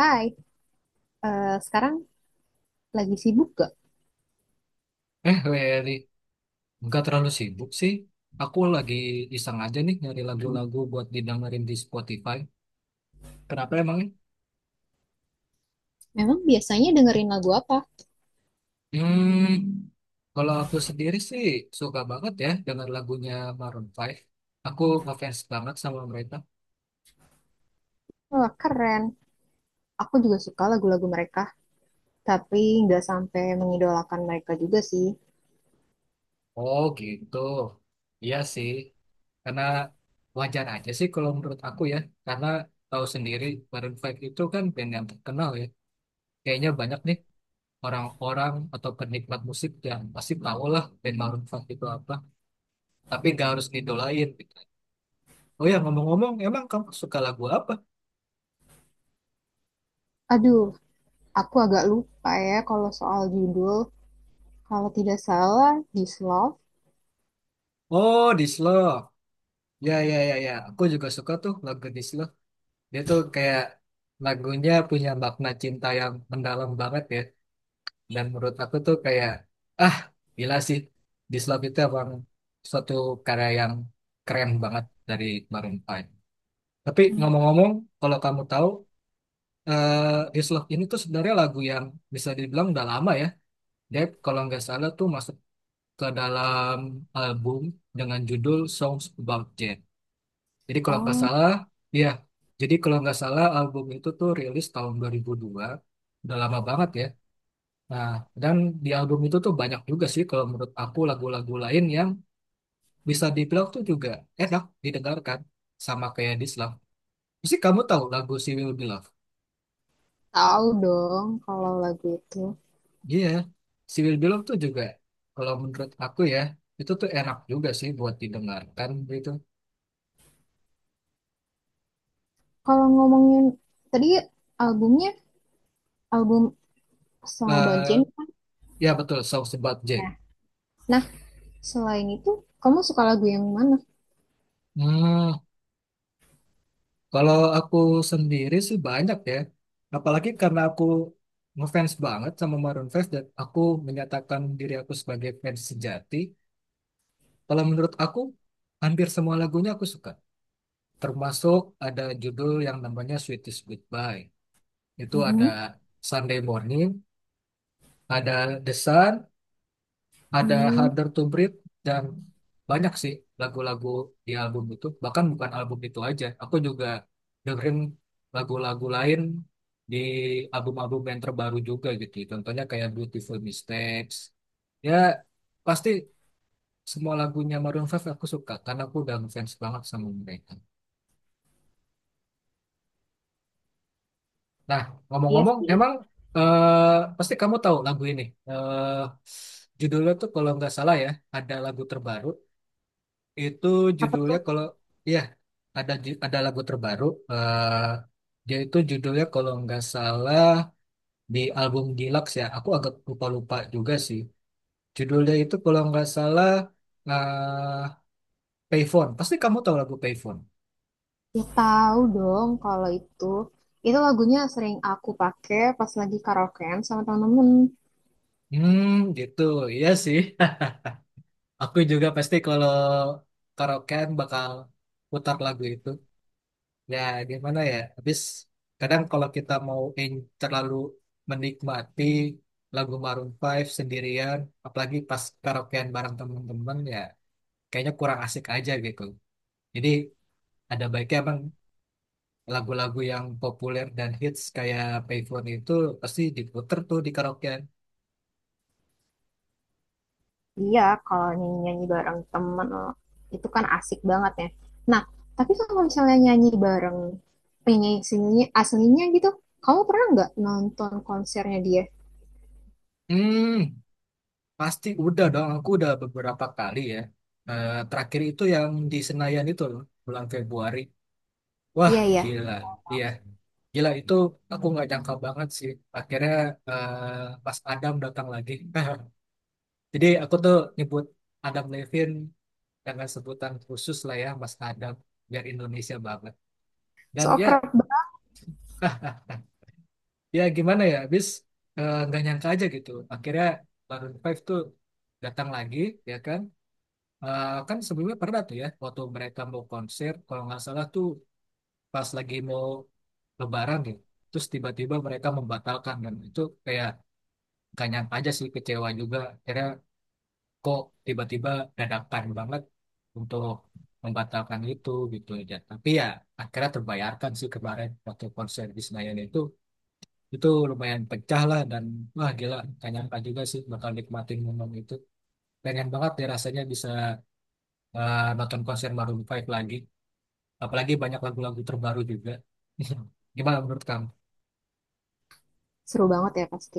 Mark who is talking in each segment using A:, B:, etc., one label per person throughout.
A: Hai, eh, sekarang lagi sibuk gak?
B: Eh, Wery, nggak terlalu sibuk sih. Aku lagi iseng aja nih nyari lagu-lagu buat didengerin di Spotify. Kenapa emangnya?
A: Memang biasanya dengerin lagu apa?
B: Hmm, Kalau aku sendiri sih suka banget ya dengar lagunya Maroon Five. Aku ngefans banget sama mereka.
A: Wah, keren. Aku juga suka lagu-lagu mereka, tapi nggak sampai mengidolakan mereka juga sih.
B: Oh gitu. Iya sih. Karena wajar aja sih kalau menurut aku ya. Karena tahu sendiri Maroon Five itu kan band yang terkenal ya. Kayaknya banyak nih orang-orang atau penikmat musik yang pasti tahu lah band Maroon 5 itu apa, tapi nggak harus ngidolain gitu. Oh ya ngomong-ngomong, emang kamu suka lagu apa?
A: Aduh, aku agak lupa ya kalau soal judul. Kalau tidak salah, This Love.
B: Oh, This Love. Ya ya ya ya, aku juga suka tuh lagu This Love. Dia tuh kayak lagunya punya makna cinta yang mendalam banget ya. Dan menurut aku tuh kayak ah gila sih, This Love itu emang suatu karya yang keren banget dari Maroon 5. Tapi
A: Hmm.
B: ngomong-ngomong, kalau kamu tahu This Love ini tuh sebenarnya lagu yang bisa dibilang udah lama ya. Dia kalau nggak salah tuh masuk ke dalam album dengan judul Songs About Jane. Jadi kalau nggak
A: Oh,
B: salah, ya. Jadi kalau nggak salah album itu tuh rilis tahun 2002. Udah lama banget ya. Nah, dan di album itu tuh banyak juga sih kalau menurut aku lagu-lagu lain yang bisa dibilang tuh juga enak didengarkan sama kayak This Love. Mesti kamu tahu lagu She Will Be Loved?
A: tahu dong kalau lagu itu.
B: Iya, Civil Below tuh juga kalau menurut aku ya itu tuh enak juga sih buat didengarkan gitu.
A: Kalau ngomongin tadi albumnya, album sama
B: eh
A: Banjen kan
B: Ya betul, Songs About Jane.
A: ya. Nah, selain itu, kamu suka lagu yang mana?
B: Hmm, Kalau aku sendiri sih banyak ya. Apalagi karena aku ngefans banget sama Maroon Five. Dan aku menyatakan diri aku sebagai fans sejati. Kalau menurut aku hampir semua lagunya aku suka. Termasuk ada judul yang namanya Sweetest Goodbye. Itu ada
A: Mhm.
B: Sunday Morning, ada The Sun, ada
A: Hmm,
B: Harder to Breathe, dan banyak sih lagu-lagu di album itu. Bahkan bukan album itu aja, aku juga dengerin lagu-lagu lain di album-album yang terbaru juga gitu, contohnya kayak Beautiful Mistakes. Ya pasti semua lagunya Maroon 5 aku suka karena aku udah ngefans banget sama mereka. Nah,
A: iya
B: ngomong-ngomong
A: sih.
B: emang pasti kamu tahu lagu ini. eh Judulnya tuh kalau nggak salah ya, ada lagu terbaru. Itu
A: Apa
B: judulnya
A: tuh?
B: kalau ya, ada ada lagu terbaru. eh Dia itu judulnya kalau nggak salah di album Deluxe ya. Aku agak lupa-lupa juga sih. Judulnya itu kalau nggak salah eh Payphone. Pasti kamu tahu lagu Payphone.
A: Ya tahu dong kalau itu. Itu lagunya sering aku pakai pas lagi karaokean sama temen-temen.
B: Hmm, Gitu. Iya sih. Aku juga pasti kalau karaokean bakal putar lagu itu. Ya, gimana ya? Habis kadang kalau kita mau terlalu menikmati lagu Maroon Five sendirian, apalagi pas karaokean bareng temen-temen ya, kayaknya kurang asik aja gitu. Jadi ada baiknya emang lagu-lagu yang populer dan hits kayak Payphone itu pasti diputer tuh di karaokean.
A: Iya, kalau nyanyi-nyanyi bareng temen eh, itu kan asik banget ya. Nah, tapi kalau misalnya nyanyi bareng penyanyi sininya aslinya gitu, kamu pernah nggak nonton konsernya dia?
B: Hmm, Pasti udah dong. Aku udah beberapa kali ya. Eh, terakhir itu yang di Senayan itu loh, bulan Februari. Wah,
A: Iya, iya.
B: gila. Iya. Gila itu aku nggak jangka banget sih. Akhirnya eh, pas Adam datang lagi. Jadi aku tuh nyebut Adam Levin dengan sebutan khusus lah ya Mas Adam, biar Indonesia banget. Dan
A: So
B: ya,
A: kerap banget,
B: ah ya gimana ya, nggak nyangka aja gitu. Akhirnya Maroon Five tuh datang lagi, ya kan. Eh, kan sebelumnya pernah tuh ya waktu mereka mau konser, kalau nggak salah tuh pas lagi mau lebaran gitu, terus tiba-tiba mereka membatalkan. Dan itu kayak gak nyangka aja sih, kecewa juga akhirnya. Kok tiba-tiba dadakan banget untuk membatalkan itu gitu aja. Tapi ya akhirnya terbayarkan sih kemarin waktu konser di Senayan itu. Itu lumayan pecah lah, dan wah gila, gak nyangka juga sih bakal nikmatin momen itu. Pengen banget ya rasanya bisa nonton konser Maroon Five lagi, apalagi banyak lagu-lagu terbaru juga. Gimana menurut kamu?
A: seru banget ya pasti.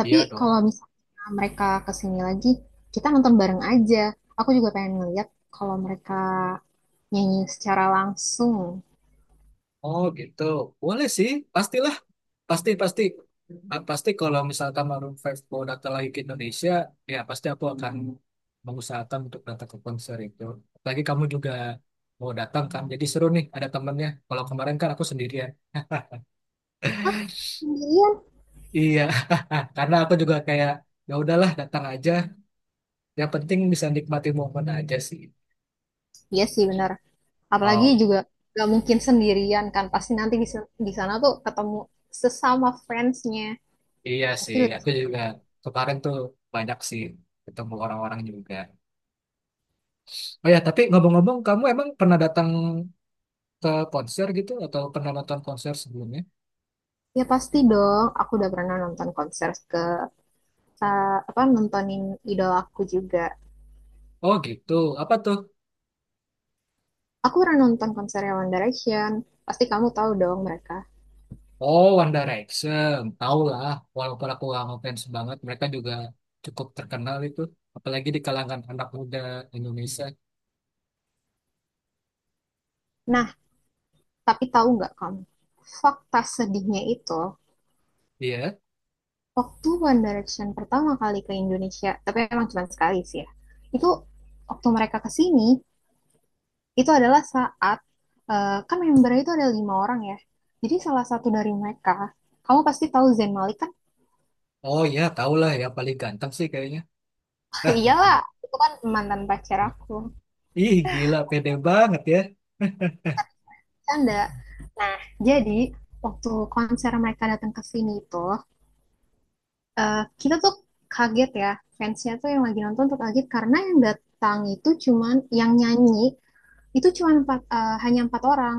A: Tapi
B: Iya dong.
A: kalau misalnya mereka kesini lagi, kita nonton bareng aja. Aku juga pengen ngeliat kalau mereka nyanyi secara langsung.
B: Oh gitu, boleh sih, pastilah, pasti pasti. Pasti kalau misalkan Maroon Five mau datang lagi ke Indonesia, ya pasti aku akan mengusahakan untuk datang ke konser itu. Lagi kamu juga mau datang kan, jadi seru nih ada temennya. Kalau kemarin kan aku sendirian.
A: Sendirian.
B: Iya, karena aku juga kayak ya udahlah datang aja. Yang penting bisa nikmati momen aja sih.
A: Iya sih, benar. Apalagi
B: Oh
A: juga gak mungkin sendirian kan, pasti nanti di sana tuh ketemu sesama fansnya,
B: iya
A: pasti.
B: sih, aku juga kemarin tuh banyak sih ketemu orang-orang juga. Oh ya, tapi ngomong-ngomong, kamu emang pernah datang ke konser gitu atau pernah nonton konser sebelumnya?
A: Ya pasti dong, aku udah pernah nonton konser apa nontonin idola aku juga.
B: Oh gitu, apa tuh?
A: Aku pernah nonton konser One Direction, pasti kamu tahu dong mereka.
B: Oh One Direction, tau lah. Walaupun aku gak ngefans banget, mereka juga cukup terkenal itu. Apalagi di kalangan anak muda Indonesia.
A: Nah, tapi tahu nggak kamu fakta sedihnya itu?
B: Iya,
A: Waktu One Direction pertama kali ke Indonesia, tapi emang cuma sekali sih ya. Itu waktu mereka ke sini, itu adalah saat eh, kan membernya itu ada lima orang ya. Jadi salah satu dari mereka, kamu pasti tahu Zayn Malik kan?
B: oh ya, tau lah ya, paling ganteng sih kayaknya.
A: Iyalah, itu kan mantan pacar aku.
B: Ih gila, pede banget ya.
A: Canda. Nah, jadi waktu konser mereka datang ke sini itu, eh, kita tuh kaget ya. Fansnya tuh yang lagi nonton tuh kaget karena yang datang itu cuman yang nyanyi itu cuma empat eh, hanya empat orang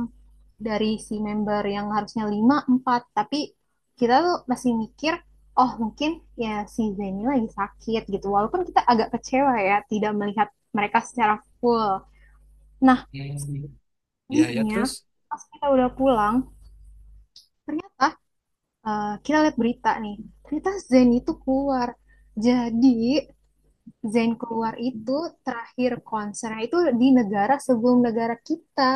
A: dari si member yang harusnya lima empat. Tapi kita tuh masih mikir, oh mungkin ya si Zeni lagi sakit gitu, walaupun kita agak kecewa ya tidak melihat mereka secara full. Nah,
B: Hmm. Ya ya
A: paginya
B: terus.
A: pas kita udah pulang, ternyata eh, kita lihat berita nih, ternyata Zeni itu keluar. Jadi Zayn keluar itu terakhir konsernya itu di negara sebelum negara kita.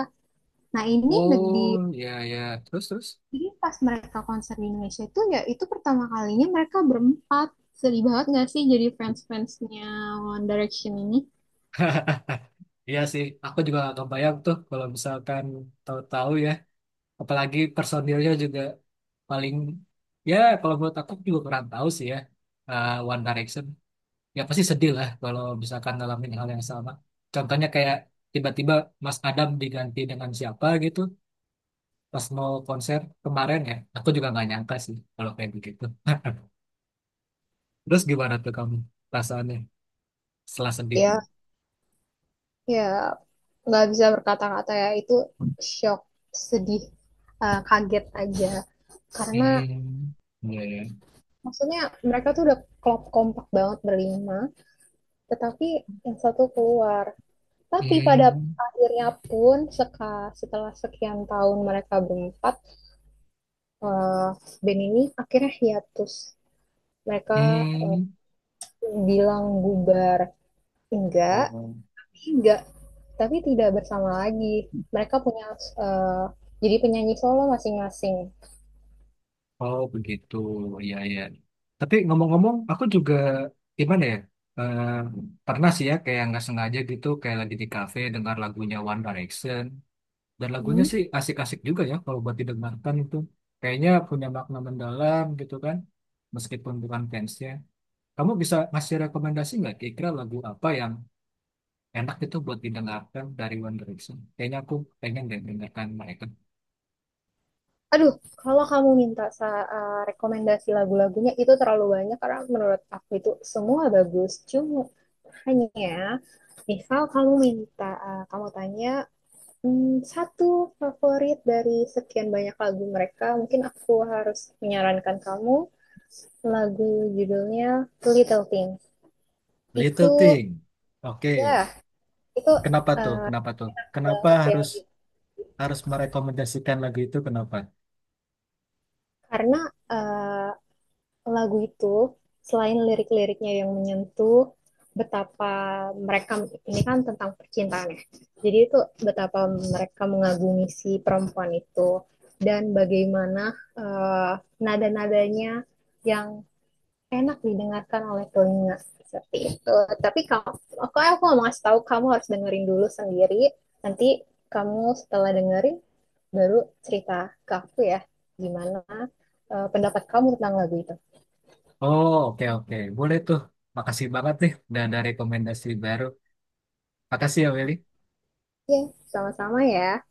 A: Nah, ini di
B: Oh ya ya terus terus.
A: jadi pas mereka konser di Indonesia itu ya itu pertama kalinya mereka berempat. Sedih banget gak sih jadi fans-fansnya One Direction ini?
B: Iya sih, aku juga gak kebayang tuh kalau misalkan tahu-tahu ya, apalagi personilnya juga paling, ya kalau menurut aku juga kurang tahu sih ya, One Direction ya pasti sedih lah kalau misalkan ngalamin hal yang sama. Contohnya kayak tiba-tiba Mas Adam diganti dengan siapa gitu pas mau konser kemarin, ya aku juga nggak nyangka sih kalau kayak begitu. Terus gimana tuh kamu perasaannya setelah sedih.
A: Ya, ya, nggak bisa berkata-kata ya itu, shock, sedih, eh, kaget aja. Karena
B: Hmm, iya ya.
A: maksudnya mereka tuh udah klop kompak banget berlima, tetapi yang satu keluar. Tapi pada
B: Hmm.
A: akhirnya pun setelah sekian tahun mereka berempat, eh, band ini akhirnya hiatus. Mereka
B: Hmm.
A: bilang bubar, enggak
B: Oh.
A: enggak, tapi tidak bersama lagi. Mereka punya eh, jadi penyanyi solo masing-masing.
B: Oh begitu, iya iya. Tapi ngomong-ngomong, aku juga gimana ya? eh, Pernah sih ya kayak nggak sengaja gitu, kayak lagi di kafe dengar lagunya One Direction, dan lagunya sih
A: Hmm.
B: asik-asik juga ya kalau buat didengarkan itu. Kayaknya punya makna mendalam gitu kan, meskipun bukan fansnya. Kamu bisa ngasih rekomendasi nggak kira-kira lagu apa yang enak itu buat didengarkan dari One Direction? Kayaknya aku pengen deh dengarkan mereka.
A: Aduh, kalau kamu minta eh, rekomendasi lagu-lagunya itu terlalu banyak karena menurut aku itu semua bagus, cuma hanya misal kamu minta eh, kamu tanya satu favorit dari sekian banyak lagu mereka, mungkin aku harus menyarankan kamu lagu, judulnya Little Thing.
B: Little
A: Itu,
B: Thing,
A: wah,
B: oke.
A: itu
B: Kenapa tuh?
A: eh,
B: Kenapa tuh? Kenapa
A: banget ya
B: harus
A: gitu.
B: harus merekomendasikan lagu itu? Kenapa?
A: Karena eh, lagu itu selain lirik-liriknya yang menyentuh, betapa mereka, ini kan tentang percintaan ya. Jadi itu betapa mereka mengagumi si perempuan itu, dan bagaimana eh, nada-nadanya yang enak didengarkan oleh telinga seperti itu. Tapi kalau aku mau ngasih tahu, kamu harus dengerin dulu sendiri. Nanti kamu setelah dengerin baru cerita ke aku ya, gimana eh, pendapat kamu tentang lagu itu.
B: Oh, oke oke. Boleh tuh. Makasih banget nih udah ada rekomendasi baru. Makasih ya Willy.
A: Ya, yeah, sama-sama ya.